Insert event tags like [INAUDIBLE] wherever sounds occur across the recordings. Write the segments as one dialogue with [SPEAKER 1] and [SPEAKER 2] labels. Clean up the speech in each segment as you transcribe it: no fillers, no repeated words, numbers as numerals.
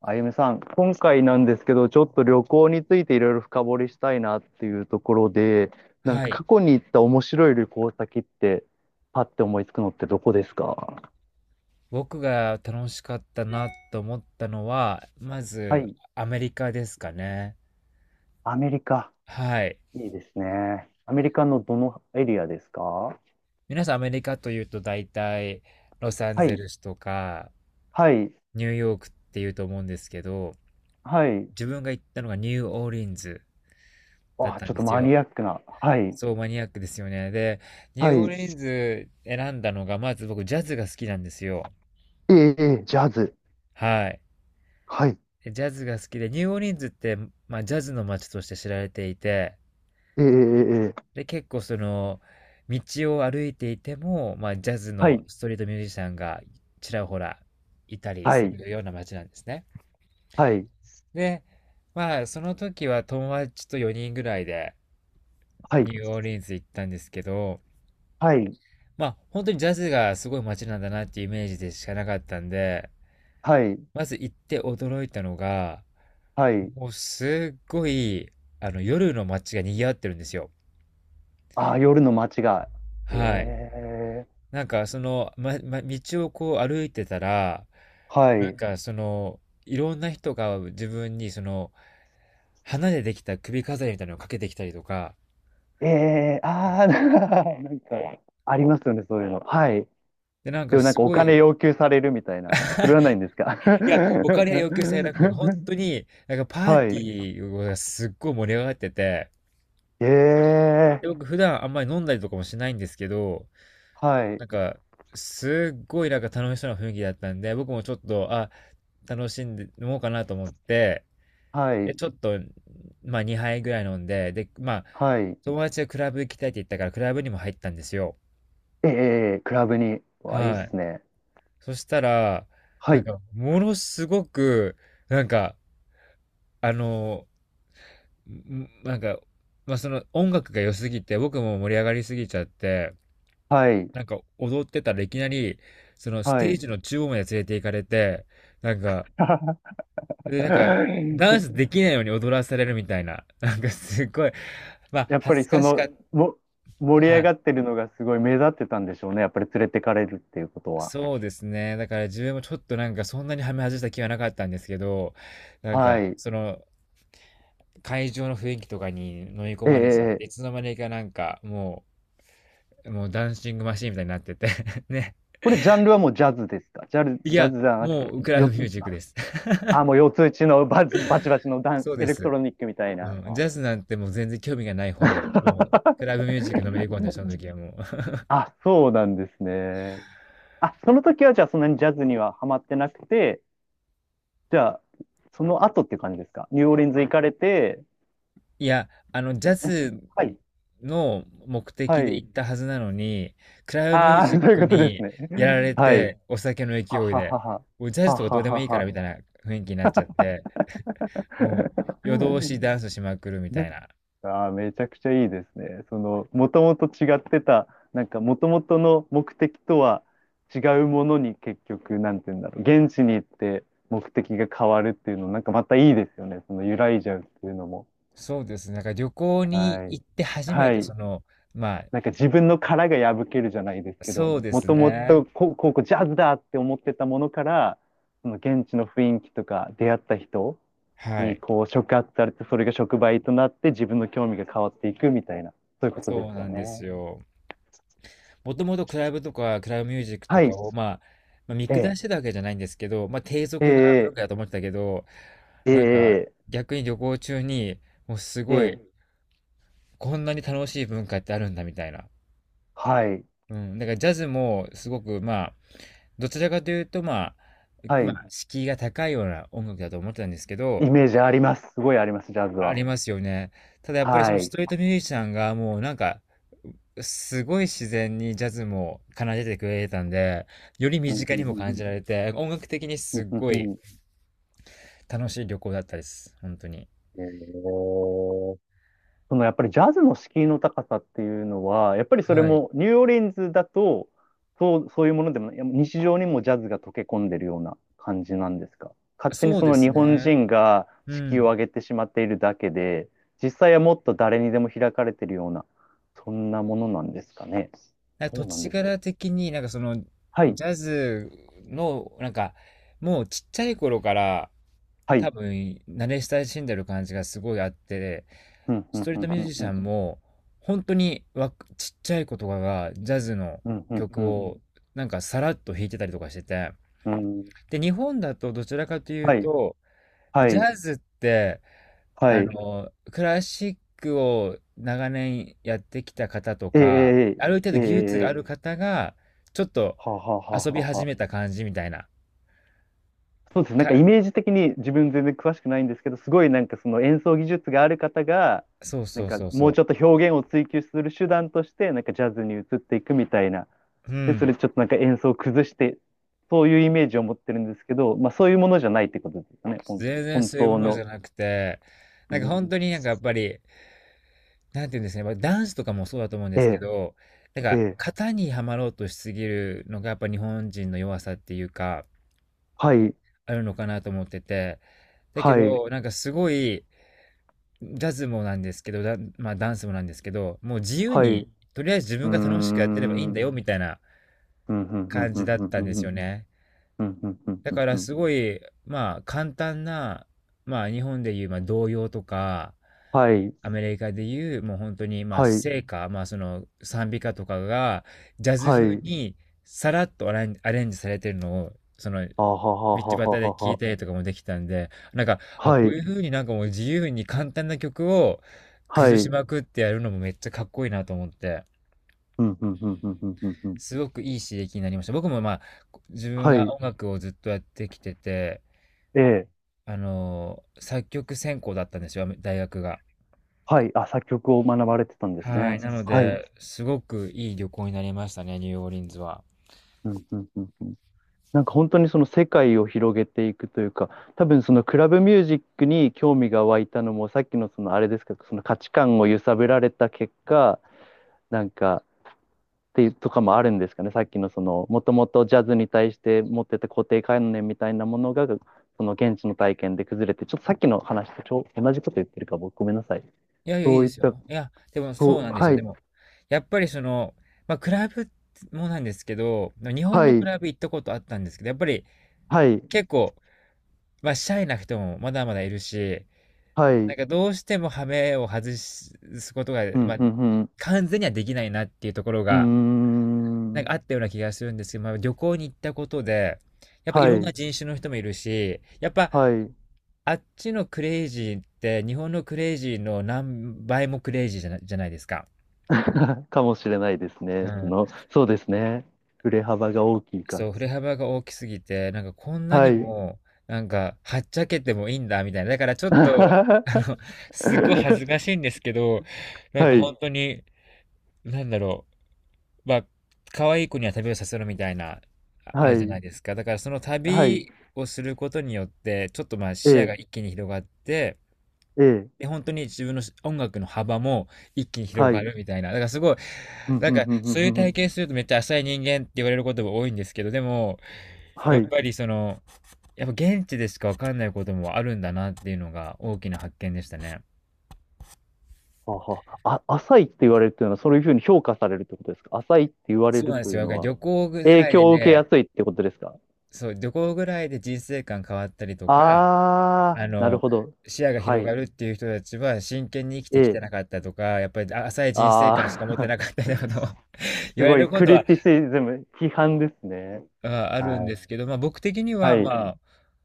[SPEAKER 1] あゆみさん、今回なんですけど、ちょっと旅行についていろいろ深掘りしたいなっていうところで、なん
[SPEAKER 2] は
[SPEAKER 1] か
[SPEAKER 2] い。
[SPEAKER 1] 過去に行った面白い旅行先って、パッて思いつくのってどこですか？
[SPEAKER 2] 僕が楽しかったなと思ったのは、ま
[SPEAKER 1] は
[SPEAKER 2] ず
[SPEAKER 1] い、
[SPEAKER 2] アメリカですかね。
[SPEAKER 1] アメリカ。
[SPEAKER 2] はい。
[SPEAKER 1] いいですね。アメリカのどのエリアですか？は
[SPEAKER 2] 皆さんアメリカというと大体ロサンゼ
[SPEAKER 1] い、
[SPEAKER 2] ルスとか
[SPEAKER 1] はい、
[SPEAKER 2] ニューヨークっていうと思うんですけど、
[SPEAKER 1] はい。
[SPEAKER 2] 自分が行ったのがニューオーリンズだっ
[SPEAKER 1] あ、
[SPEAKER 2] た
[SPEAKER 1] ち
[SPEAKER 2] ん
[SPEAKER 1] ょっ
[SPEAKER 2] で
[SPEAKER 1] と
[SPEAKER 2] す
[SPEAKER 1] マ
[SPEAKER 2] よ。
[SPEAKER 1] ニアックな。はい、
[SPEAKER 2] そう、マニアックですよね。で、ニュ
[SPEAKER 1] は
[SPEAKER 2] ーオー
[SPEAKER 1] い。
[SPEAKER 2] リンズ選んだのが、まず僕ジャズが好きなんですよ。
[SPEAKER 1] ええ、ええ、ジャズ。
[SPEAKER 2] はい。
[SPEAKER 1] はい、
[SPEAKER 2] でジャズが好きで、ニューオーリンズって、まあ、ジャズの街として知られていて、
[SPEAKER 1] ええ、ええ、ええ、
[SPEAKER 2] で、結構道を歩いていても、まあ、ジャズ
[SPEAKER 1] は
[SPEAKER 2] の
[SPEAKER 1] い、
[SPEAKER 2] ストリートミュージシャンがちらほらいたり
[SPEAKER 1] は
[SPEAKER 2] す
[SPEAKER 1] い、
[SPEAKER 2] るような街なんですね。
[SPEAKER 1] はい、
[SPEAKER 2] で、まあ、その時は友達と4人ぐらいで
[SPEAKER 1] はい、
[SPEAKER 2] ニューオーリンズ行ったんですけど、
[SPEAKER 1] はい、
[SPEAKER 2] まあ、本当にジャズがすごい街なんだなっていうイメージでしかなかったんで、
[SPEAKER 1] はい、
[SPEAKER 2] まず行って驚いたのが、
[SPEAKER 1] はい。
[SPEAKER 2] もうすっごい、夜の街が賑わってるんですよ。
[SPEAKER 1] ああ、夜の街が。
[SPEAKER 2] はい。
[SPEAKER 1] ええ、
[SPEAKER 2] 道をこう歩いてたら、
[SPEAKER 1] は
[SPEAKER 2] なん
[SPEAKER 1] い。
[SPEAKER 2] かその、いろんな人が自分に花でできた首飾りみたいなのをかけてきたりとか、
[SPEAKER 1] ええ、ああ、[LAUGHS] なんか、ありますよね、そういうの。はい。
[SPEAKER 2] で、なん
[SPEAKER 1] で
[SPEAKER 2] か
[SPEAKER 1] もなん
[SPEAKER 2] す
[SPEAKER 1] かお
[SPEAKER 2] ご
[SPEAKER 1] 金
[SPEAKER 2] い、
[SPEAKER 1] 要求されるみたいな、それはないんですか？
[SPEAKER 2] いや、お
[SPEAKER 1] [LAUGHS]
[SPEAKER 2] 金は要求されなくて、本当に、なんかパー
[SPEAKER 1] は
[SPEAKER 2] テ
[SPEAKER 1] い。
[SPEAKER 2] ィーがすっごい盛り上がってて、
[SPEAKER 1] え
[SPEAKER 2] で、
[SPEAKER 1] え、
[SPEAKER 2] 僕普段あんまり飲んだりとかもしないんですけど、
[SPEAKER 1] はい。
[SPEAKER 2] なんか、すっごいなんか楽しそうな雰囲気だったんで、僕もちょっと、楽しんで飲もうかなと思って、
[SPEAKER 1] は
[SPEAKER 2] で、
[SPEAKER 1] い。
[SPEAKER 2] ちょっと、まあ2杯ぐらい飲んで、で、まあ、
[SPEAKER 1] はい。
[SPEAKER 2] 友達がクラブ行きたいって言ったから、クラブにも入ったんですよ。
[SPEAKER 1] ええ、クラブに。わ、いいっ
[SPEAKER 2] はい。
[SPEAKER 1] すね。
[SPEAKER 2] そしたら、
[SPEAKER 1] はい。
[SPEAKER 2] ものすごく、なんか、あの、んなんか、まあその音楽が良すぎて、僕も盛り上がりすぎちゃって、
[SPEAKER 1] はい。
[SPEAKER 2] なんか踊ってたらいきなり、そのス
[SPEAKER 1] は
[SPEAKER 2] テー
[SPEAKER 1] い。
[SPEAKER 2] ジの中央まで連れて行かれて、なんか、で、なんか、ダンス
[SPEAKER 1] [LAUGHS]
[SPEAKER 2] できないように踊らされるみたいな、なんかすごい、まあ、
[SPEAKER 1] やっぱ
[SPEAKER 2] 恥
[SPEAKER 1] り
[SPEAKER 2] ず
[SPEAKER 1] そ
[SPEAKER 2] かしか
[SPEAKER 1] の、
[SPEAKER 2] っ
[SPEAKER 1] も、盛り上が
[SPEAKER 2] た。
[SPEAKER 1] ってるのがすごい目立ってたんでしょうね。やっぱり連れてかれるっていうことは。
[SPEAKER 2] そうですね。だから自分もちょっとなんかそんなにはめ外した気はなかったんですけど、なん
[SPEAKER 1] は
[SPEAKER 2] か
[SPEAKER 1] い。
[SPEAKER 2] その会場の雰囲気とかに飲み込
[SPEAKER 1] え
[SPEAKER 2] まれちゃっ
[SPEAKER 1] え
[SPEAKER 2] て、
[SPEAKER 1] え
[SPEAKER 2] い
[SPEAKER 1] え、
[SPEAKER 2] つの間にかなんかもう、もうダンシングマシーンみたいになってて [LAUGHS] ね。
[SPEAKER 1] これジャンルはもうジャズですか？
[SPEAKER 2] い
[SPEAKER 1] ジャ
[SPEAKER 2] や、
[SPEAKER 1] ズじゃなくて、
[SPEAKER 2] もうクラ
[SPEAKER 1] 四
[SPEAKER 2] ブミュ
[SPEAKER 1] つ、
[SPEAKER 2] ージックです。
[SPEAKER 1] あ、もう四つ打ちのバチバチバチの
[SPEAKER 2] [LAUGHS]
[SPEAKER 1] ダ
[SPEAKER 2] そ
[SPEAKER 1] ン、
[SPEAKER 2] う
[SPEAKER 1] エ
[SPEAKER 2] で
[SPEAKER 1] レクト
[SPEAKER 2] す。
[SPEAKER 1] ロニックみたいな。
[SPEAKER 2] うん。ジャズなんてもう全然興味がないほど、もう
[SPEAKER 1] [LAUGHS]
[SPEAKER 2] クラブミュージックのめり込んだ、その時はもう。
[SPEAKER 1] あ、そうなんですね。あ、その時はじゃあそんなにジャズにはハマってなくて、じゃあ、その後って感じですか？ニューオーリンズ行かれて、
[SPEAKER 2] いや、ジャ
[SPEAKER 1] え、
[SPEAKER 2] ズ
[SPEAKER 1] はい、
[SPEAKER 2] の目
[SPEAKER 1] は
[SPEAKER 2] 的で
[SPEAKER 1] い。
[SPEAKER 2] 行ったはずなのに、クラブミュー
[SPEAKER 1] あ
[SPEAKER 2] ジ
[SPEAKER 1] あ、[LAUGHS]
[SPEAKER 2] ッ
[SPEAKER 1] そういう
[SPEAKER 2] ク
[SPEAKER 1] ことです
[SPEAKER 2] に
[SPEAKER 1] ね。
[SPEAKER 2] やられ
[SPEAKER 1] はい。
[SPEAKER 2] て、お酒の
[SPEAKER 1] は
[SPEAKER 2] 勢い
[SPEAKER 1] は
[SPEAKER 2] で、
[SPEAKER 1] はは。
[SPEAKER 2] もうジャズ
[SPEAKER 1] は
[SPEAKER 2] とかど
[SPEAKER 1] は
[SPEAKER 2] うでも
[SPEAKER 1] は
[SPEAKER 2] いいから
[SPEAKER 1] は。
[SPEAKER 2] みたいな雰囲気になっちゃって、もう夜通
[SPEAKER 1] [LAUGHS]
[SPEAKER 2] しダンスしまくるみたいな。
[SPEAKER 1] ああ、めちゃくちゃいいですね。その、もともと違ってた、なんか、もともとの目的とは違うものに結局、なんて言うんだろう、現地に行って目的が変わるっていうの、なんかまたいいですよね。その、揺らいじゃうっていうのも。
[SPEAKER 2] そうですね。なんか旅行に
[SPEAKER 1] はい。
[SPEAKER 2] 行って初め
[SPEAKER 1] は
[SPEAKER 2] て、
[SPEAKER 1] い。
[SPEAKER 2] まあ、
[SPEAKER 1] なんか自分の殻が破けるじゃないですけど、
[SPEAKER 2] そうで
[SPEAKER 1] も
[SPEAKER 2] す
[SPEAKER 1] とも
[SPEAKER 2] ね。
[SPEAKER 1] とこうジャズだって思ってたものから、その現地の雰囲気とか出会った人
[SPEAKER 2] は
[SPEAKER 1] に
[SPEAKER 2] い。
[SPEAKER 1] こう触発されて、それが触媒となって自分の興味が変わっていくみたいな、そういうことで
[SPEAKER 2] そう
[SPEAKER 1] すよ
[SPEAKER 2] なんです
[SPEAKER 1] ね。
[SPEAKER 2] よ。もともとクラブとかクラブミュージックと
[SPEAKER 1] はい。
[SPEAKER 2] かを、まあ、見
[SPEAKER 1] え
[SPEAKER 2] 下
[SPEAKER 1] え、
[SPEAKER 2] してたわけじゃないんですけど、まあ、低
[SPEAKER 1] え
[SPEAKER 2] 俗な文
[SPEAKER 1] え、
[SPEAKER 2] 化だと思ってたけど、
[SPEAKER 1] え
[SPEAKER 2] なんか
[SPEAKER 1] え、
[SPEAKER 2] 逆に旅行中に、もうす
[SPEAKER 1] え
[SPEAKER 2] ごい、
[SPEAKER 1] え、
[SPEAKER 2] こんなに楽しい文化ってあるんだみたいな。
[SPEAKER 1] はい。
[SPEAKER 2] うん。だからジャズもすごく、まあ、どちらかというと、まあ、
[SPEAKER 1] は
[SPEAKER 2] ま
[SPEAKER 1] い。
[SPEAKER 2] あ、敷居が高いような音楽だと思ってたんですけど、
[SPEAKER 1] イメージあります。すごいあります、ジャズ
[SPEAKER 2] あ
[SPEAKER 1] は。
[SPEAKER 2] りますよね。ただやっぱりそ
[SPEAKER 1] は
[SPEAKER 2] のス
[SPEAKER 1] い。
[SPEAKER 2] トリートミュージシャンがもうなんか、すごい自然にジャズも奏でてくれてたんで、より身
[SPEAKER 1] うんう
[SPEAKER 2] 近にも
[SPEAKER 1] んう
[SPEAKER 2] 感じ
[SPEAKER 1] ん
[SPEAKER 2] られて、音楽的に
[SPEAKER 1] う
[SPEAKER 2] す
[SPEAKER 1] ん
[SPEAKER 2] っ
[SPEAKER 1] うん
[SPEAKER 2] ご
[SPEAKER 1] う
[SPEAKER 2] い
[SPEAKER 1] んうん、
[SPEAKER 2] 楽しい旅行だったです。本当に。
[SPEAKER 1] ええ。 [LAUGHS] そのやっぱりジャズの敷居の高さっていうのは、やっぱりそれ
[SPEAKER 2] はい。
[SPEAKER 1] もニューオーリンズだと、そう、そういうものでもない、いや日常にもジャズが溶け込んでるような感じなんですか？勝手に
[SPEAKER 2] そう
[SPEAKER 1] そ
[SPEAKER 2] で
[SPEAKER 1] の日
[SPEAKER 2] す
[SPEAKER 1] 本
[SPEAKER 2] ね。
[SPEAKER 1] 人が
[SPEAKER 2] う
[SPEAKER 1] 敷居を
[SPEAKER 2] ん。
[SPEAKER 1] 上げてしまっているだけで、実際はもっと誰にでも開かれてるような、そんなものなんですかね。
[SPEAKER 2] なんか
[SPEAKER 1] そ
[SPEAKER 2] 土
[SPEAKER 1] うなん
[SPEAKER 2] 地
[SPEAKER 1] でしょう。
[SPEAKER 2] 柄的に
[SPEAKER 1] はい、
[SPEAKER 2] ジャズのもうちっちゃい頃から
[SPEAKER 1] はい。
[SPEAKER 2] 多分慣れ親しんでる感じがすごいあって、
[SPEAKER 1] うん、う
[SPEAKER 2] ス
[SPEAKER 1] ん、
[SPEAKER 2] トリー
[SPEAKER 1] う
[SPEAKER 2] トミュー
[SPEAKER 1] ん、
[SPEAKER 2] ジシ
[SPEAKER 1] う
[SPEAKER 2] ャ
[SPEAKER 1] ん、
[SPEAKER 2] ンも本当にわちっちゃい子とかがジャズの
[SPEAKER 1] うん、うん、
[SPEAKER 2] 曲
[SPEAKER 1] うん
[SPEAKER 2] をなんかさらっと弾いてたりとかしてて、
[SPEAKER 1] うん、うん。
[SPEAKER 2] で日本だとどちらかという
[SPEAKER 1] はい、
[SPEAKER 2] と
[SPEAKER 1] は
[SPEAKER 2] ジ
[SPEAKER 1] い、
[SPEAKER 2] ャズって
[SPEAKER 1] はい。
[SPEAKER 2] クラシックを長年やってきた方と
[SPEAKER 1] え
[SPEAKER 2] か
[SPEAKER 1] え、
[SPEAKER 2] ある程
[SPEAKER 1] え
[SPEAKER 2] 度
[SPEAKER 1] え、ええ、
[SPEAKER 2] 技術があ
[SPEAKER 1] ええ、
[SPEAKER 2] る方がちょっと
[SPEAKER 1] ははは
[SPEAKER 2] 遊び
[SPEAKER 1] は
[SPEAKER 2] 始
[SPEAKER 1] は、
[SPEAKER 2] めた感じみたいな
[SPEAKER 1] そうです。なんかイ
[SPEAKER 2] か、
[SPEAKER 1] メージ的に自分全然詳しくないんですけど、すごいなんかその演奏技術がある方が、
[SPEAKER 2] そう
[SPEAKER 1] な
[SPEAKER 2] そ
[SPEAKER 1] ん
[SPEAKER 2] う
[SPEAKER 1] か
[SPEAKER 2] そうそ
[SPEAKER 1] もう
[SPEAKER 2] う
[SPEAKER 1] ちょっと表現を追求する手段として、なんかジャズに移っていくみたいな。
[SPEAKER 2] う
[SPEAKER 1] で、そ
[SPEAKER 2] ん、
[SPEAKER 1] れちょっとなんか演奏を崩して、そういうイメージを持ってるんですけど、まあそういうものじゃないってことですよね。
[SPEAKER 2] 全然
[SPEAKER 1] 本
[SPEAKER 2] そういうも
[SPEAKER 1] 当
[SPEAKER 2] のじ
[SPEAKER 1] の。
[SPEAKER 2] ゃなくて、
[SPEAKER 1] う
[SPEAKER 2] なんか
[SPEAKER 1] ん、
[SPEAKER 2] 本当になんかやっぱりなんていうんですかね、ま、ダンスとかもそうだと思うんで
[SPEAKER 1] え
[SPEAKER 2] すけ
[SPEAKER 1] え、
[SPEAKER 2] ど、なん
[SPEAKER 1] え
[SPEAKER 2] か
[SPEAKER 1] え、
[SPEAKER 2] 型にはまろうとしすぎるのがやっぱ日本人の弱さっていうか、
[SPEAKER 1] はい、
[SPEAKER 2] あるのかなと思ってて。だけ
[SPEAKER 1] はい、
[SPEAKER 2] ど、なんかすごい、ジャズもなんですけど、まあ、ダンスもなんですけど、もう自由
[SPEAKER 1] はい。う
[SPEAKER 2] に、とりあえず自
[SPEAKER 1] ー
[SPEAKER 2] 分が楽しくやってればい
[SPEAKER 1] ん。
[SPEAKER 2] い
[SPEAKER 1] う
[SPEAKER 2] んだ
[SPEAKER 1] ん
[SPEAKER 2] よみたいな
[SPEAKER 1] うんうんうん
[SPEAKER 2] 感
[SPEAKER 1] う
[SPEAKER 2] じ
[SPEAKER 1] ん
[SPEAKER 2] だっ
[SPEAKER 1] うん
[SPEAKER 2] た
[SPEAKER 1] う
[SPEAKER 2] んで
[SPEAKER 1] んう
[SPEAKER 2] すよ
[SPEAKER 1] ん
[SPEAKER 2] ね。
[SPEAKER 1] うん
[SPEAKER 2] だ
[SPEAKER 1] うん、
[SPEAKER 2] か
[SPEAKER 1] う
[SPEAKER 2] ら
[SPEAKER 1] ん、
[SPEAKER 2] すごい、まあ簡単な、まあ日本でいう、まあ童謡とか、
[SPEAKER 1] はい、
[SPEAKER 2] アメリカでいうもう本当にまあ
[SPEAKER 1] はい、
[SPEAKER 2] 聖歌、まあその賛美歌とかがジャズ
[SPEAKER 1] は
[SPEAKER 2] 風
[SPEAKER 1] い。
[SPEAKER 2] にさらっとアレンジされてるのをその道
[SPEAKER 1] あははは
[SPEAKER 2] 端
[SPEAKER 1] は
[SPEAKER 2] で
[SPEAKER 1] は
[SPEAKER 2] 聞い
[SPEAKER 1] は。
[SPEAKER 2] たりとかもできたんで、なんか、
[SPEAKER 1] は
[SPEAKER 2] こう
[SPEAKER 1] い。
[SPEAKER 2] いう風になんかもう自由に簡単な曲を
[SPEAKER 1] はい。
[SPEAKER 2] 崩
[SPEAKER 1] う
[SPEAKER 2] し
[SPEAKER 1] ん、
[SPEAKER 2] まくってやるのもめっちゃかっこいいなと思って、
[SPEAKER 1] うん、うん、うん、うん、うん。うん、
[SPEAKER 2] すごくいい刺激になりました。僕もまあ、自分
[SPEAKER 1] は
[SPEAKER 2] が
[SPEAKER 1] い。
[SPEAKER 2] 音楽をずっとやってきてて、
[SPEAKER 1] ええ。
[SPEAKER 2] 作曲専攻だったんですよ、大学が。
[SPEAKER 1] はい。あ、作曲を学ばれてたんです
[SPEAKER 2] は
[SPEAKER 1] ね。
[SPEAKER 2] い。なの
[SPEAKER 1] はい。
[SPEAKER 2] で、すごくいい旅行になりましたね、ニューオーリンズは。
[SPEAKER 1] うん、うん、うん、うん。なんか本当にその世界を広げていくというか、多分そのクラブミュージックに興味が湧いたのも、さっきのそのあれですけど、その価値観を揺さぶられた結果、なんか、っていうとかもあるんですかね。さっきのその、もともとジャズに対して持ってた固定観念みたいなものが、その現地の体験で崩れて、ちょっとさっきの話と同じこと言ってるか、僕ごめんなさい。
[SPEAKER 2] いやいや、い
[SPEAKER 1] そ
[SPEAKER 2] い
[SPEAKER 1] う
[SPEAKER 2] で
[SPEAKER 1] いっ
[SPEAKER 2] す
[SPEAKER 1] た
[SPEAKER 2] よ。いや、でもそう
[SPEAKER 1] と、
[SPEAKER 2] なんです
[SPEAKER 1] は
[SPEAKER 2] よ。で
[SPEAKER 1] い、
[SPEAKER 2] も、やっぱりその、まあ、クラブもなんですけど、日本
[SPEAKER 1] は
[SPEAKER 2] のク
[SPEAKER 1] い、
[SPEAKER 2] ラブ行ったことあったんですけど、やっぱり
[SPEAKER 1] はい、
[SPEAKER 2] 結構、まあ、シャイな人もまだまだいるし、
[SPEAKER 1] はい、う
[SPEAKER 2] なん
[SPEAKER 1] ん、
[SPEAKER 2] かどうしてもハメを外すことが、
[SPEAKER 1] う
[SPEAKER 2] まあ、
[SPEAKER 1] ん、
[SPEAKER 2] 完全にはできないなっていうところ
[SPEAKER 1] う
[SPEAKER 2] が、
[SPEAKER 1] ん、う
[SPEAKER 2] な
[SPEAKER 1] ー
[SPEAKER 2] んか
[SPEAKER 1] ん、
[SPEAKER 2] あったような気がするんですけど、まあ、旅行に行ったことで、やっぱい
[SPEAKER 1] は
[SPEAKER 2] ろんな
[SPEAKER 1] い、
[SPEAKER 2] 人種の人もいるし、やっぱ
[SPEAKER 1] はい、
[SPEAKER 2] あっちのクレイジーって日本のクレイジーの何倍もクレイジーじゃないですか。
[SPEAKER 1] [LAUGHS] かもしれないです
[SPEAKER 2] う
[SPEAKER 1] ね。そ
[SPEAKER 2] ん。
[SPEAKER 1] の、そうですね。振れ幅が大きいか
[SPEAKER 2] そ
[SPEAKER 1] ら。
[SPEAKER 2] う、振れ幅が大きすぎて、なんかこんな
[SPEAKER 1] は
[SPEAKER 2] に
[SPEAKER 1] い。
[SPEAKER 2] も、なんかはっちゃけてもいいんだみたいな。だからちょっと、
[SPEAKER 1] [LAUGHS] は
[SPEAKER 2] すごい恥ずかしいんですけど、なんか
[SPEAKER 1] い、
[SPEAKER 2] 本当に、なんだろ、まあ、可愛い子には旅をさせろみたいな、ああ
[SPEAKER 1] は
[SPEAKER 2] るじゃない
[SPEAKER 1] い、
[SPEAKER 2] ですか。だからその
[SPEAKER 1] はい、
[SPEAKER 2] 旅をすることによって、ちょっとまあ
[SPEAKER 1] え
[SPEAKER 2] 視野が
[SPEAKER 1] え、
[SPEAKER 2] 一気に広がって、
[SPEAKER 1] ええ、
[SPEAKER 2] で、本当に自分の音楽の幅も一気に広
[SPEAKER 1] は
[SPEAKER 2] が
[SPEAKER 1] い、
[SPEAKER 2] るみたいな。だからすごい、
[SPEAKER 1] うん、
[SPEAKER 2] なん
[SPEAKER 1] うん、
[SPEAKER 2] か
[SPEAKER 1] うん、う
[SPEAKER 2] そう
[SPEAKER 1] ん、
[SPEAKER 2] い
[SPEAKER 1] う
[SPEAKER 2] う
[SPEAKER 1] んう
[SPEAKER 2] 体
[SPEAKER 1] ん、
[SPEAKER 2] 験するとめっちゃ浅い人間って言われることが多いんですけど、でも、や
[SPEAKER 1] は
[SPEAKER 2] っ
[SPEAKER 1] い。
[SPEAKER 2] ぱりその、やっぱ現地でしかわかんないこともあるんだなっていうのが大きな発見でしたね。
[SPEAKER 1] はは、あ、浅いって言われるというのは、そういうふうに評価されるってことですか？浅いって言われ
[SPEAKER 2] そう
[SPEAKER 1] る
[SPEAKER 2] なんで
[SPEAKER 1] と
[SPEAKER 2] す
[SPEAKER 1] い
[SPEAKER 2] よ。
[SPEAKER 1] う
[SPEAKER 2] だか
[SPEAKER 1] の
[SPEAKER 2] ら
[SPEAKER 1] は、
[SPEAKER 2] 旅行ぐ
[SPEAKER 1] 影
[SPEAKER 2] らいで
[SPEAKER 1] 響を受けや
[SPEAKER 2] ね、
[SPEAKER 1] すいってことですか？
[SPEAKER 2] そう、旅行ぐらいで人生観変わったりとか、
[SPEAKER 1] あ
[SPEAKER 2] あ
[SPEAKER 1] ー、なる
[SPEAKER 2] の、
[SPEAKER 1] ほど。
[SPEAKER 2] 視野が
[SPEAKER 1] は
[SPEAKER 2] 広が
[SPEAKER 1] い。
[SPEAKER 2] るっていう人たちは真剣に生き
[SPEAKER 1] え
[SPEAKER 2] てきて
[SPEAKER 1] え。
[SPEAKER 2] なかったとか、やっぱり浅い人生観しか持って
[SPEAKER 1] あ
[SPEAKER 2] なかった
[SPEAKER 1] ー、
[SPEAKER 2] よう
[SPEAKER 1] [LAUGHS]
[SPEAKER 2] なことを [LAUGHS] 言
[SPEAKER 1] す
[SPEAKER 2] われ
[SPEAKER 1] ごい、
[SPEAKER 2] るこ
[SPEAKER 1] ク
[SPEAKER 2] と
[SPEAKER 1] リ
[SPEAKER 2] は
[SPEAKER 1] ティシズム、批判ですね。
[SPEAKER 2] ああるん
[SPEAKER 1] は
[SPEAKER 2] で
[SPEAKER 1] い。
[SPEAKER 2] すけど、まあ僕的に
[SPEAKER 1] は
[SPEAKER 2] はま
[SPEAKER 1] い。
[SPEAKER 2] あ、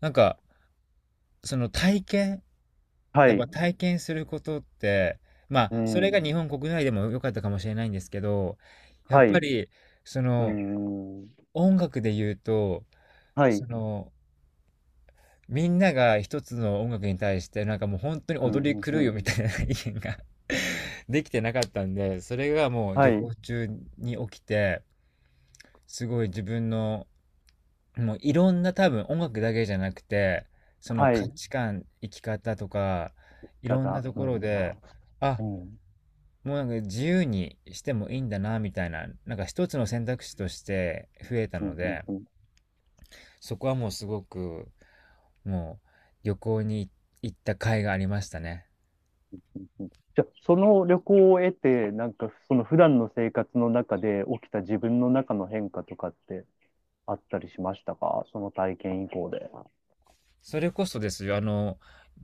[SPEAKER 2] なんかその体験、
[SPEAKER 1] は
[SPEAKER 2] やっぱ
[SPEAKER 1] い。
[SPEAKER 2] 体験することって、まあ
[SPEAKER 1] う
[SPEAKER 2] それが
[SPEAKER 1] ん。
[SPEAKER 2] 日本国内でも良かったかもしれないんですけど、やっ
[SPEAKER 1] は
[SPEAKER 2] ぱ
[SPEAKER 1] い。
[SPEAKER 2] りそ
[SPEAKER 1] う
[SPEAKER 2] の
[SPEAKER 1] ん。
[SPEAKER 2] 音楽で言うと、
[SPEAKER 1] は
[SPEAKER 2] そ
[SPEAKER 1] い。
[SPEAKER 2] のみんなが一つの音楽に対してなんかもう本当に
[SPEAKER 1] う
[SPEAKER 2] 踊り
[SPEAKER 1] ん。
[SPEAKER 2] 狂
[SPEAKER 1] う
[SPEAKER 2] うよ
[SPEAKER 1] ん。
[SPEAKER 2] みたいな意見が [LAUGHS] できてなかったんで、それがもう
[SPEAKER 1] は
[SPEAKER 2] 旅
[SPEAKER 1] い。
[SPEAKER 2] 行中に起きて、すごい自分のもういろんな多分音楽だけじゃなくて、その
[SPEAKER 1] は
[SPEAKER 2] 価
[SPEAKER 1] い。
[SPEAKER 2] 値観、生き方とか、いろんな
[SPEAKER 1] 方。
[SPEAKER 2] と
[SPEAKER 1] う
[SPEAKER 2] ころ
[SPEAKER 1] ん。
[SPEAKER 2] で、あ、
[SPEAKER 1] うん。
[SPEAKER 2] もうなんか自由にしてもいいんだなみたいな、なんか一つの選択肢として増えた
[SPEAKER 1] う
[SPEAKER 2] の
[SPEAKER 1] ん。うん。
[SPEAKER 2] で、
[SPEAKER 1] うん。
[SPEAKER 2] そこはもうすごくもう旅行に行った甲斐がありましたね。
[SPEAKER 1] うん、じゃあ、その旅行を得て、なんか、その普段の生活の中で起きた自分の中の変化とかってあったりしましたか？その体験以降で。
[SPEAKER 2] それこそですよ、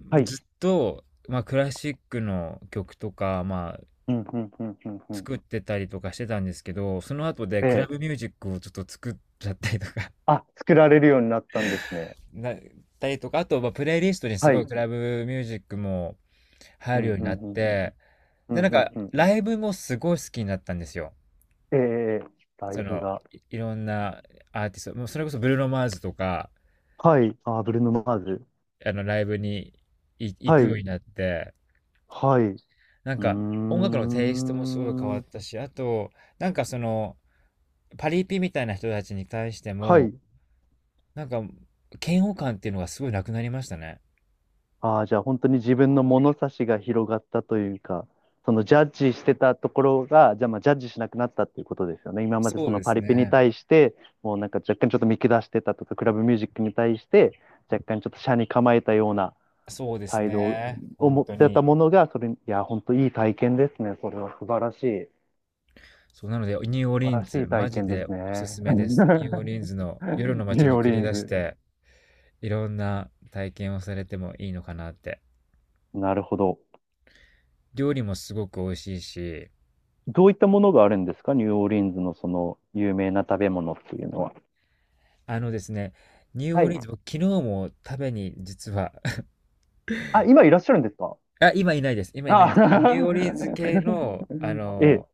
[SPEAKER 1] はい。
[SPEAKER 2] ずっと、まあ、クラシックの曲とか、まあ、
[SPEAKER 1] うんうんうんうんうん、
[SPEAKER 2] 作ってたりとかしてたんですけど、その後でクラ
[SPEAKER 1] え
[SPEAKER 2] ブ
[SPEAKER 1] え。
[SPEAKER 2] ミュージックをちょっと作っちゃったりとか
[SPEAKER 1] あ、作られるようになったんですね。
[SPEAKER 2] [LAUGHS] なったりとか、あと、まあ、プレイリストにす
[SPEAKER 1] は
[SPEAKER 2] ごい
[SPEAKER 1] い。
[SPEAKER 2] クラブミュージックも
[SPEAKER 1] う
[SPEAKER 2] 入る
[SPEAKER 1] ん
[SPEAKER 2] ように
[SPEAKER 1] う
[SPEAKER 2] なっ
[SPEAKER 1] んうんうん。
[SPEAKER 2] て、
[SPEAKER 1] うん
[SPEAKER 2] で、なん
[SPEAKER 1] うん
[SPEAKER 2] か、
[SPEAKER 1] うん。
[SPEAKER 2] ライブもすごい好きになったんですよ。
[SPEAKER 1] ええ、ええ、ライ
[SPEAKER 2] そ
[SPEAKER 1] フ
[SPEAKER 2] の、
[SPEAKER 1] が。
[SPEAKER 2] いろんなアーティスト、もうそれこそブルーノ・マーズとか、
[SPEAKER 1] はい。あ、ブルーノ・マーズ。
[SPEAKER 2] ライブにい行
[SPEAKER 1] は
[SPEAKER 2] くよう
[SPEAKER 1] い。
[SPEAKER 2] になって、
[SPEAKER 1] はい。う
[SPEAKER 2] なん
[SPEAKER 1] ー
[SPEAKER 2] か音楽のテイストもすごい変わっ
[SPEAKER 1] ん。
[SPEAKER 2] たし、あと、なんかその、パリピみたいな人たちに対して
[SPEAKER 1] は
[SPEAKER 2] も、
[SPEAKER 1] い。
[SPEAKER 2] なんか、嫌悪感っていうのがすごいなくなりましたね。
[SPEAKER 1] ああ、じゃあ本当に自分の物差しが広がったというか、そのジャッジしてたところが、じゃあまあジャッジしなくなったっていうことですよね。今までそ
[SPEAKER 2] そう
[SPEAKER 1] の
[SPEAKER 2] で
[SPEAKER 1] パ
[SPEAKER 2] す
[SPEAKER 1] リピに
[SPEAKER 2] ね。
[SPEAKER 1] 対して、もうなんか若干ちょっと見下してたとか、クラブミュージックに対して、若干ちょっと斜に構えたような
[SPEAKER 2] そうです
[SPEAKER 1] 態度
[SPEAKER 2] ね。
[SPEAKER 1] を
[SPEAKER 2] 本
[SPEAKER 1] 持っ
[SPEAKER 2] 当
[SPEAKER 1] てた
[SPEAKER 2] に。
[SPEAKER 1] ものが、それ、いや、本当いい体験ですね。それは素晴らしい。
[SPEAKER 2] そう、なので、ニューオー
[SPEAKER 1] 素
[SPEAKER 2] リ
[SPEAKER 1] 晴ら
[SPEAKER 2] ン
[SPEAKER 1] し
[SPEAKER 2] ズ、
[SPEAKER 1] い
[SPEAKER 2] マ
[SPEAKER 1] 体
[SPEAKER 2] ジ
[SPEAKER 1] 験で
[SPEAKER 2] で
[SPEAKER 1] す
[SPEAKER 2] おす
[SPEAKER 1] ね。
[SPEAKER 2] すめです。ニューオーリン
[SPEAKER 1] [LAUGHS]
[SPEAKER 2] ズの夜の
[SPEAKER 1] ニュ
[SPEAKER 2] 街
[SPEAKER 1] ー
[SPEAKER 2] に
[SPEAKER 1] オー
[SPEAKER 2] 繰
[SPEAKER 1] リ
[SPEAKER 2] り
[SPEAKER 1] ン
[SPEAKER 2] 出し
[SPEAKER 1] ズ。
[SPEAKER 2] て、いろんな体験をされてもいいのかなって。
[SPEAKER 1] なるほど。
[SPEAKER 2] 料理もすごく美味しいし、
[SPEAKER 1] どういったものがあるんですか？ニューオーリンズのその有名な食べ物っていうのは。
[SPEAKER 2] あのですね、ニュー
[SPEAKER 1] は
[SPEAKER 2] オーリンズ、
[SPEAKER 1] い。
[SPEAKER 2] 僕昨日も食べに実は
[SPEAKER 1] あ、今いらっしゃるんですか？
[SPEAKER 2] あ、今いないです。今いないんで
[SPEAKER 1] あ、
[SPEAKER 2] すけど、あ、ニューオーリンズ系の、
[SPEAKER 1] [LAUGHS] ええ。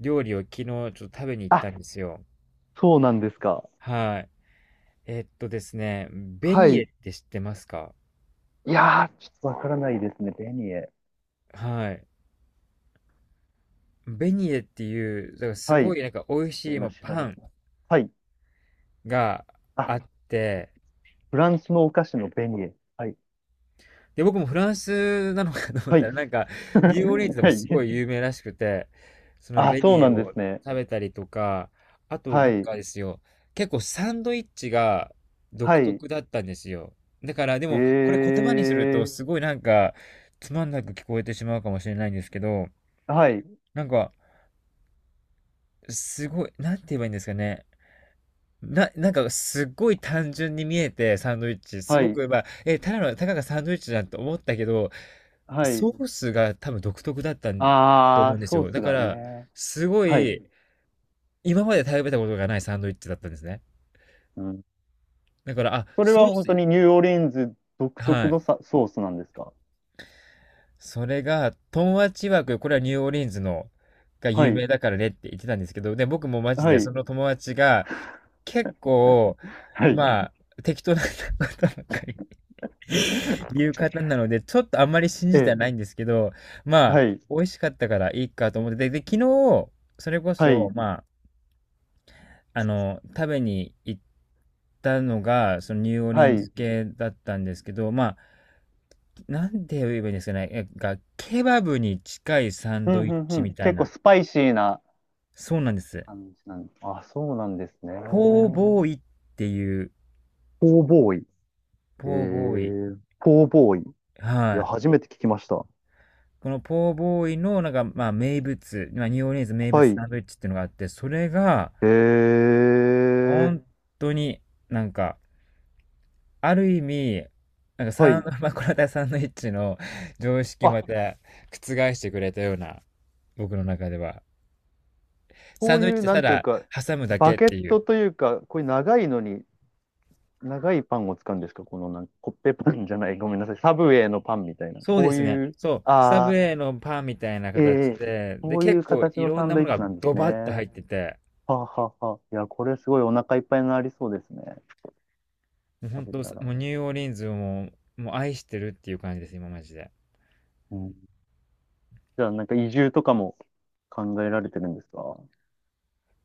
[SPEAKER 2] 料理を昨日ちょっと食べに行っ
[SPEAKER 1] あ、
[SPEAKER 2] たんですよ。
[SPEAKER 1] そうなんですか。
[SPEAKER 2] はい。えっとですね、ベ
[SPEAKER 1] は
[SPEAKER 2] ニエっ
[SPEAKER 1] い。
[SPEAKER 2] て知ってますか？
[SPEAKER 1] いやー、ちょっとわからないですね。ベニエ。
[SPEAKER 2] はい。ベニエっていう、だからす
[SPEAKER 1] は
[SPEAKER 2] ご
[SPEAKER 1] い。
[SPEAKER 2] いなんか美味しい、ま
[SPEAKER 1] 今
[SPEAKER 2] あ、
[SPEAKER 1] 調
[SPEAKER 2] パ
[SPEAKER 1] べ
[SPEAKER 2] ン
[SPEAKER 1] てます。はい。
[SPEAKER 2] があ
[SPEAKER 1] あ、
[SPEAKER 2] って、
[SPEAKER 1] フランスのお菓子のベニエ。はい。
[SPEAKER 2] で、僕もフランスなのかと思っ
[SPEAKER 1] は
[SPEAKER 2] た
[SPEAKER 1] い。
[SPEAKER 2] ら、なんか、ニューオーリン
[SPEAKER 1] [LAUGHS]
[SPEAKER 2] ズでも
[SPEAKER 1] は
[SPEAKER 2] すご
[SPEAKER 1] い。
[SPEAKER 2] い有名らしくて、その
[SPEAKER 1] あ、
[SPEAKER 2] ベ
[SPEAKER 1] そ
[SPEAKER 2] ニ
[SPEAKER 1] う
[SPEAKER 2] エ
[SPEAKER 1] なんで
[SPEAKER 2] を
[SPEAKER 1] すね。
[SPEAKER 2] 食べたりとか、あと
[SPEAKER 1] は
[SPEAKER 2] なん
[SPEAKER 1] い。
[SPEAKER 2] かですよ、結構サンドイッチが独
[SPEAKER 1] はい。
[SPEAKER 2] 特だったんですよ。だから、でも、これ
[SPEAKER 1] え
[SPEAKER 2] 言葉にすると、
[SPEAKER 1] え、
[SPEAKER 2] すごいなんか、つまんなく聞こえてしまうかもしれないんですけど、
[SPEAKER 1] はい。
[SPEAKER 2] なんか、すごい、なんて言えばいいんですかね。なんかすっごい単純に見えて、サンドイッチ。す
[SPEAKER 1] は
[SPEAKER 2] ご
[SPEAKER 1] い。
[SPEAKER 2] く、まあ、え、ただの、たかがサンドイッチじゃんと思ったけど、
[SPEAKER 1] は
[SPEAKER 2] ソ
[SPEAKER 1] い。
[SPEAKER 2] ースが多分独特だったんと思う
[SPEAKER 1] あ
[SPEAKER 2] んで
[SPEAKER 1] ー、
[SPEAKER 2] す
[SPEAKER 1] ソ
[SPEAKER 2] よ。
[SPEAKER 1] ース
[SPEAKER 2] だか
[SPEAKER 1] が
[SPEAKER 2] ら、
[SPEAKER 1] ね。
[SPEAKER 2] すご
[SPEAKER 1] はい。
[SPEAKER 2] い、今まで食べたことがないサンドイッチだったんですね。
[SPEAKER 1] うん。
[SPEAKER 2] だから、あ、
[SPEAKER 1] それ
[SPEAKER 2] ソ
[SPEAKER 1] は
[SPEAKER 2] ー
[SPEAKER 1] 本当
[SPEAKER 2] ス、
[SPEAKER 1] にニューオーリンズ独
[SPEAKER 2] は
[SPEAKER 1] 特
[SPEAKER 2] い。
[SPEAKER 1] のさ、ソースなんですか？
[SPEAKER 2] それが、トンアチワク、これはニューオーリンズの、が
[SPEAKER 1] は
[SPEAKER 2] 有
[SPEAKER 1] い。
[SPEAKER 2] 名だからねって言ってたんですけど、で、僕もマジ
[SPEAKER 1] は
[SPEAKER 2] でそ
[SPEAKER 1] い。
[SPEAKER 2] の友達が、結構、
[SPEAKER 1] はい。
[SPEAKER 2] まあ、適当な方ばっかりいう
[SPEAKER 1] [LAUGHS]
[SPEAKER 2] 方なので、ちょっとあんまり信
[SPEAKER 1] え
[SPEAKER 2] じては
[SPEAKER 1] え。
[SPEAKER 2] ないんですけど、まあ、
[SPEAKER 1] はい。
[SPEAKER 2] 美味しかったからいいかと思って、で、昨日、それこ
[SPEAKER 1] は
[SPEAKER 2] そ、
[SPEAKER 1] い。
[SPEAKER 2] まあ、食べに行ったのが、そのニューオリ
[SPEAKER 1] は
[SPEAKER 2] ンズ
[SPEAKER 1] い。
[SPEAKER 2] 系だったんですけど、まあ、なんて言えばいいんですかね、えが、ケバブに近いサン
[SPEAKER 1] うん、
[SPEAKER 2] ドイ
[SPEAKER 1] う
[SPEAKER 2] ッ
[SPEAKER 1] ん、う
[SPEAKER 2] チみ
[SPEAKER 1] ん。
[SPEAKER 2] たい
[SPEAKER 1] 結構
[SPEAKER 2] な。
[SPEAKER 1] スパイシーな
[SPEAKER 2] そうなんです。
[SPEAKER 1] 感じなんです？あ、そうなんですね。
[SPEAKER 2] ポーボーイっていう、
[SPEAKER 1] ポーボーイ。え
[SPEAKER 2] ポーボーイ。
[SPEAKER 1] え、ポーボーイ。いや、
[SPEAKER 2] はい。
[SPEAKER 1] 初めて聞きました。
[SPEAKER 2] このポーボーイの、なんか、まあ、名物、まあ、ニューオーリンズ名
[SPEAKER 1] は
[SPEAKER 2] 物
[SPEAKER 1] い。
[SPEAKER 2] サンドイッチっていうのがあって、それが、
[SPEAKER 1] えー、
[SPEAKER 2] 本当になんか、ある意味、なんか
[SPEAKER 1] は
[SPEAKER 2] サン、
[SPEAKER 1] い。
[SPEAKER 2] [LAUGHS] まあ、[LAUGHS] これまたサンドイッチの常識を
[SPEAKER 1] あ、
[SPEAKER 2] また覆してくれたような、僕の中では。
[SPEAKER 1] こ
[SPEAKER 2] サン
[SPEAKER 1] う
[SPEAKER 2] ドイッ
[SPEAKER 1] い
[SPEAKER 2] チっ
[SPEAKER 1] う、
[SPEAKER 2] て
[SPEAKER 1] な
[SPEAKER 2] た
[SPEAKER 1] んという
[SPEAKER 2] だ
[SPEAKER 1] か、
[SPEAKER 2] 挟むだ
[SPEAKER 1] バ
[SPEAKER 2] けっ
[SPEAKER 1] ケ
[SPEAKER 2] て
[SPEAKER 1] ッ
[SPEAKER 2] いう。
[SPEAKER 1] トというか、こういう長いのに、長いパンを使うんですか？このなんか、コッペパンじゃない、ごめんなさい。サブウェイのパンみたいな。
[SPEAKER 2] そう
[SPEAKER 1] こ
[SPEAKER 2] で
[SPEAKER 1] う
[SPEAKER 2] すね。
[SPEAKER 1] いう、
[SPEAKER 2] そう。スタブウ
[SPEAKER 1] あ
[SPEAKER 2] ェイのパンみたいな
[SPEAKER 1] ー、
[SPEAKER 2] 形
[SPEAKER 1] えー、
[SPEAKER 2] で、で、
[SPEAKER 1] そうい
[SPEAKER 2] 結
[SPEAKER 1] う
[SPEAKER 2] 構
[SPEAKER 1] 形
[SPEAKER 2] い
[SPEAKER 1] の
[SPEAKER 2] ろん
[SPEAKER 1] サン
[SPEAKER 2] な
[SPEAKER 1] ド
[SPEAKER 2] も
[SPEAKER 1] イッ
[SPEAKER 2] のが
[SPEAKER 1] チなんで
[SPEAKER 2] ド
[SPEAKER 1] す
[SPEAKER 2] バッと入っ
[SPEAKER 1] ね。
[SPEAKER 2] てて、
[SPEAKER 1] はあはあはあ。いや、これすごいお腹いっぱいになりそうですね。
[SPEAKER 2] もう本
[SPEAKER 1] 食べ
[SPEAKER 2] 当、も
[SPEAKER 1] たら。
[SPEAKER 2] うニューオーリンズをもう、もう愛してるっていう感じです、今マジで。
[SPEAKER 1] う
[SPEAKER 2] う
[SPEAKER 1] ん、
[SPEAKER 2] ん、
[SPEAKER 1] じゃあ、なんか移住とかも考えられてるんですか？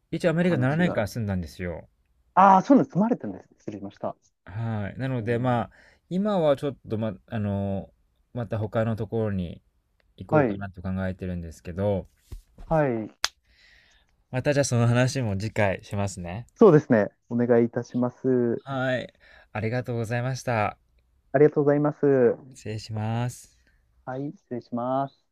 [SPEAKER 2] 一応アメリカ7
[SPEAKER 1] 話
[SPEAKER 2] 年
[SPEAKER 1] が。
[SPEAKER 2] 間住んだんですよ。
[SPEAKER 1] ああ、そういうの積まれてるんです。失礼しました。
[SPEAKER 2] はい。なの
[SPEAKER 1] う
[SPEAKER 2] で、
[SPEAKER 1] ん、
[SPEAKER 2] まあ、今はちょっと、ま、また他のところに行こ
[SPEAKER 1] は
[SPEAKER 2] うか
[SPEAKER 1] い。
[SPEAKER 2] なと考えてるんですけど、
[SPEAKER 1] はい。
[SPEAKER 2] またじゃあその話も次回しますね。
[SPEAKER 1] そうですね。お願いいたします。
[SPEAKER 2] はい。ありがとうございました。
[SPEAKER 1] ありがとうございます。
[SPEAKER 2] 失礼します。
[SPEAKER 1] はい、失礼します。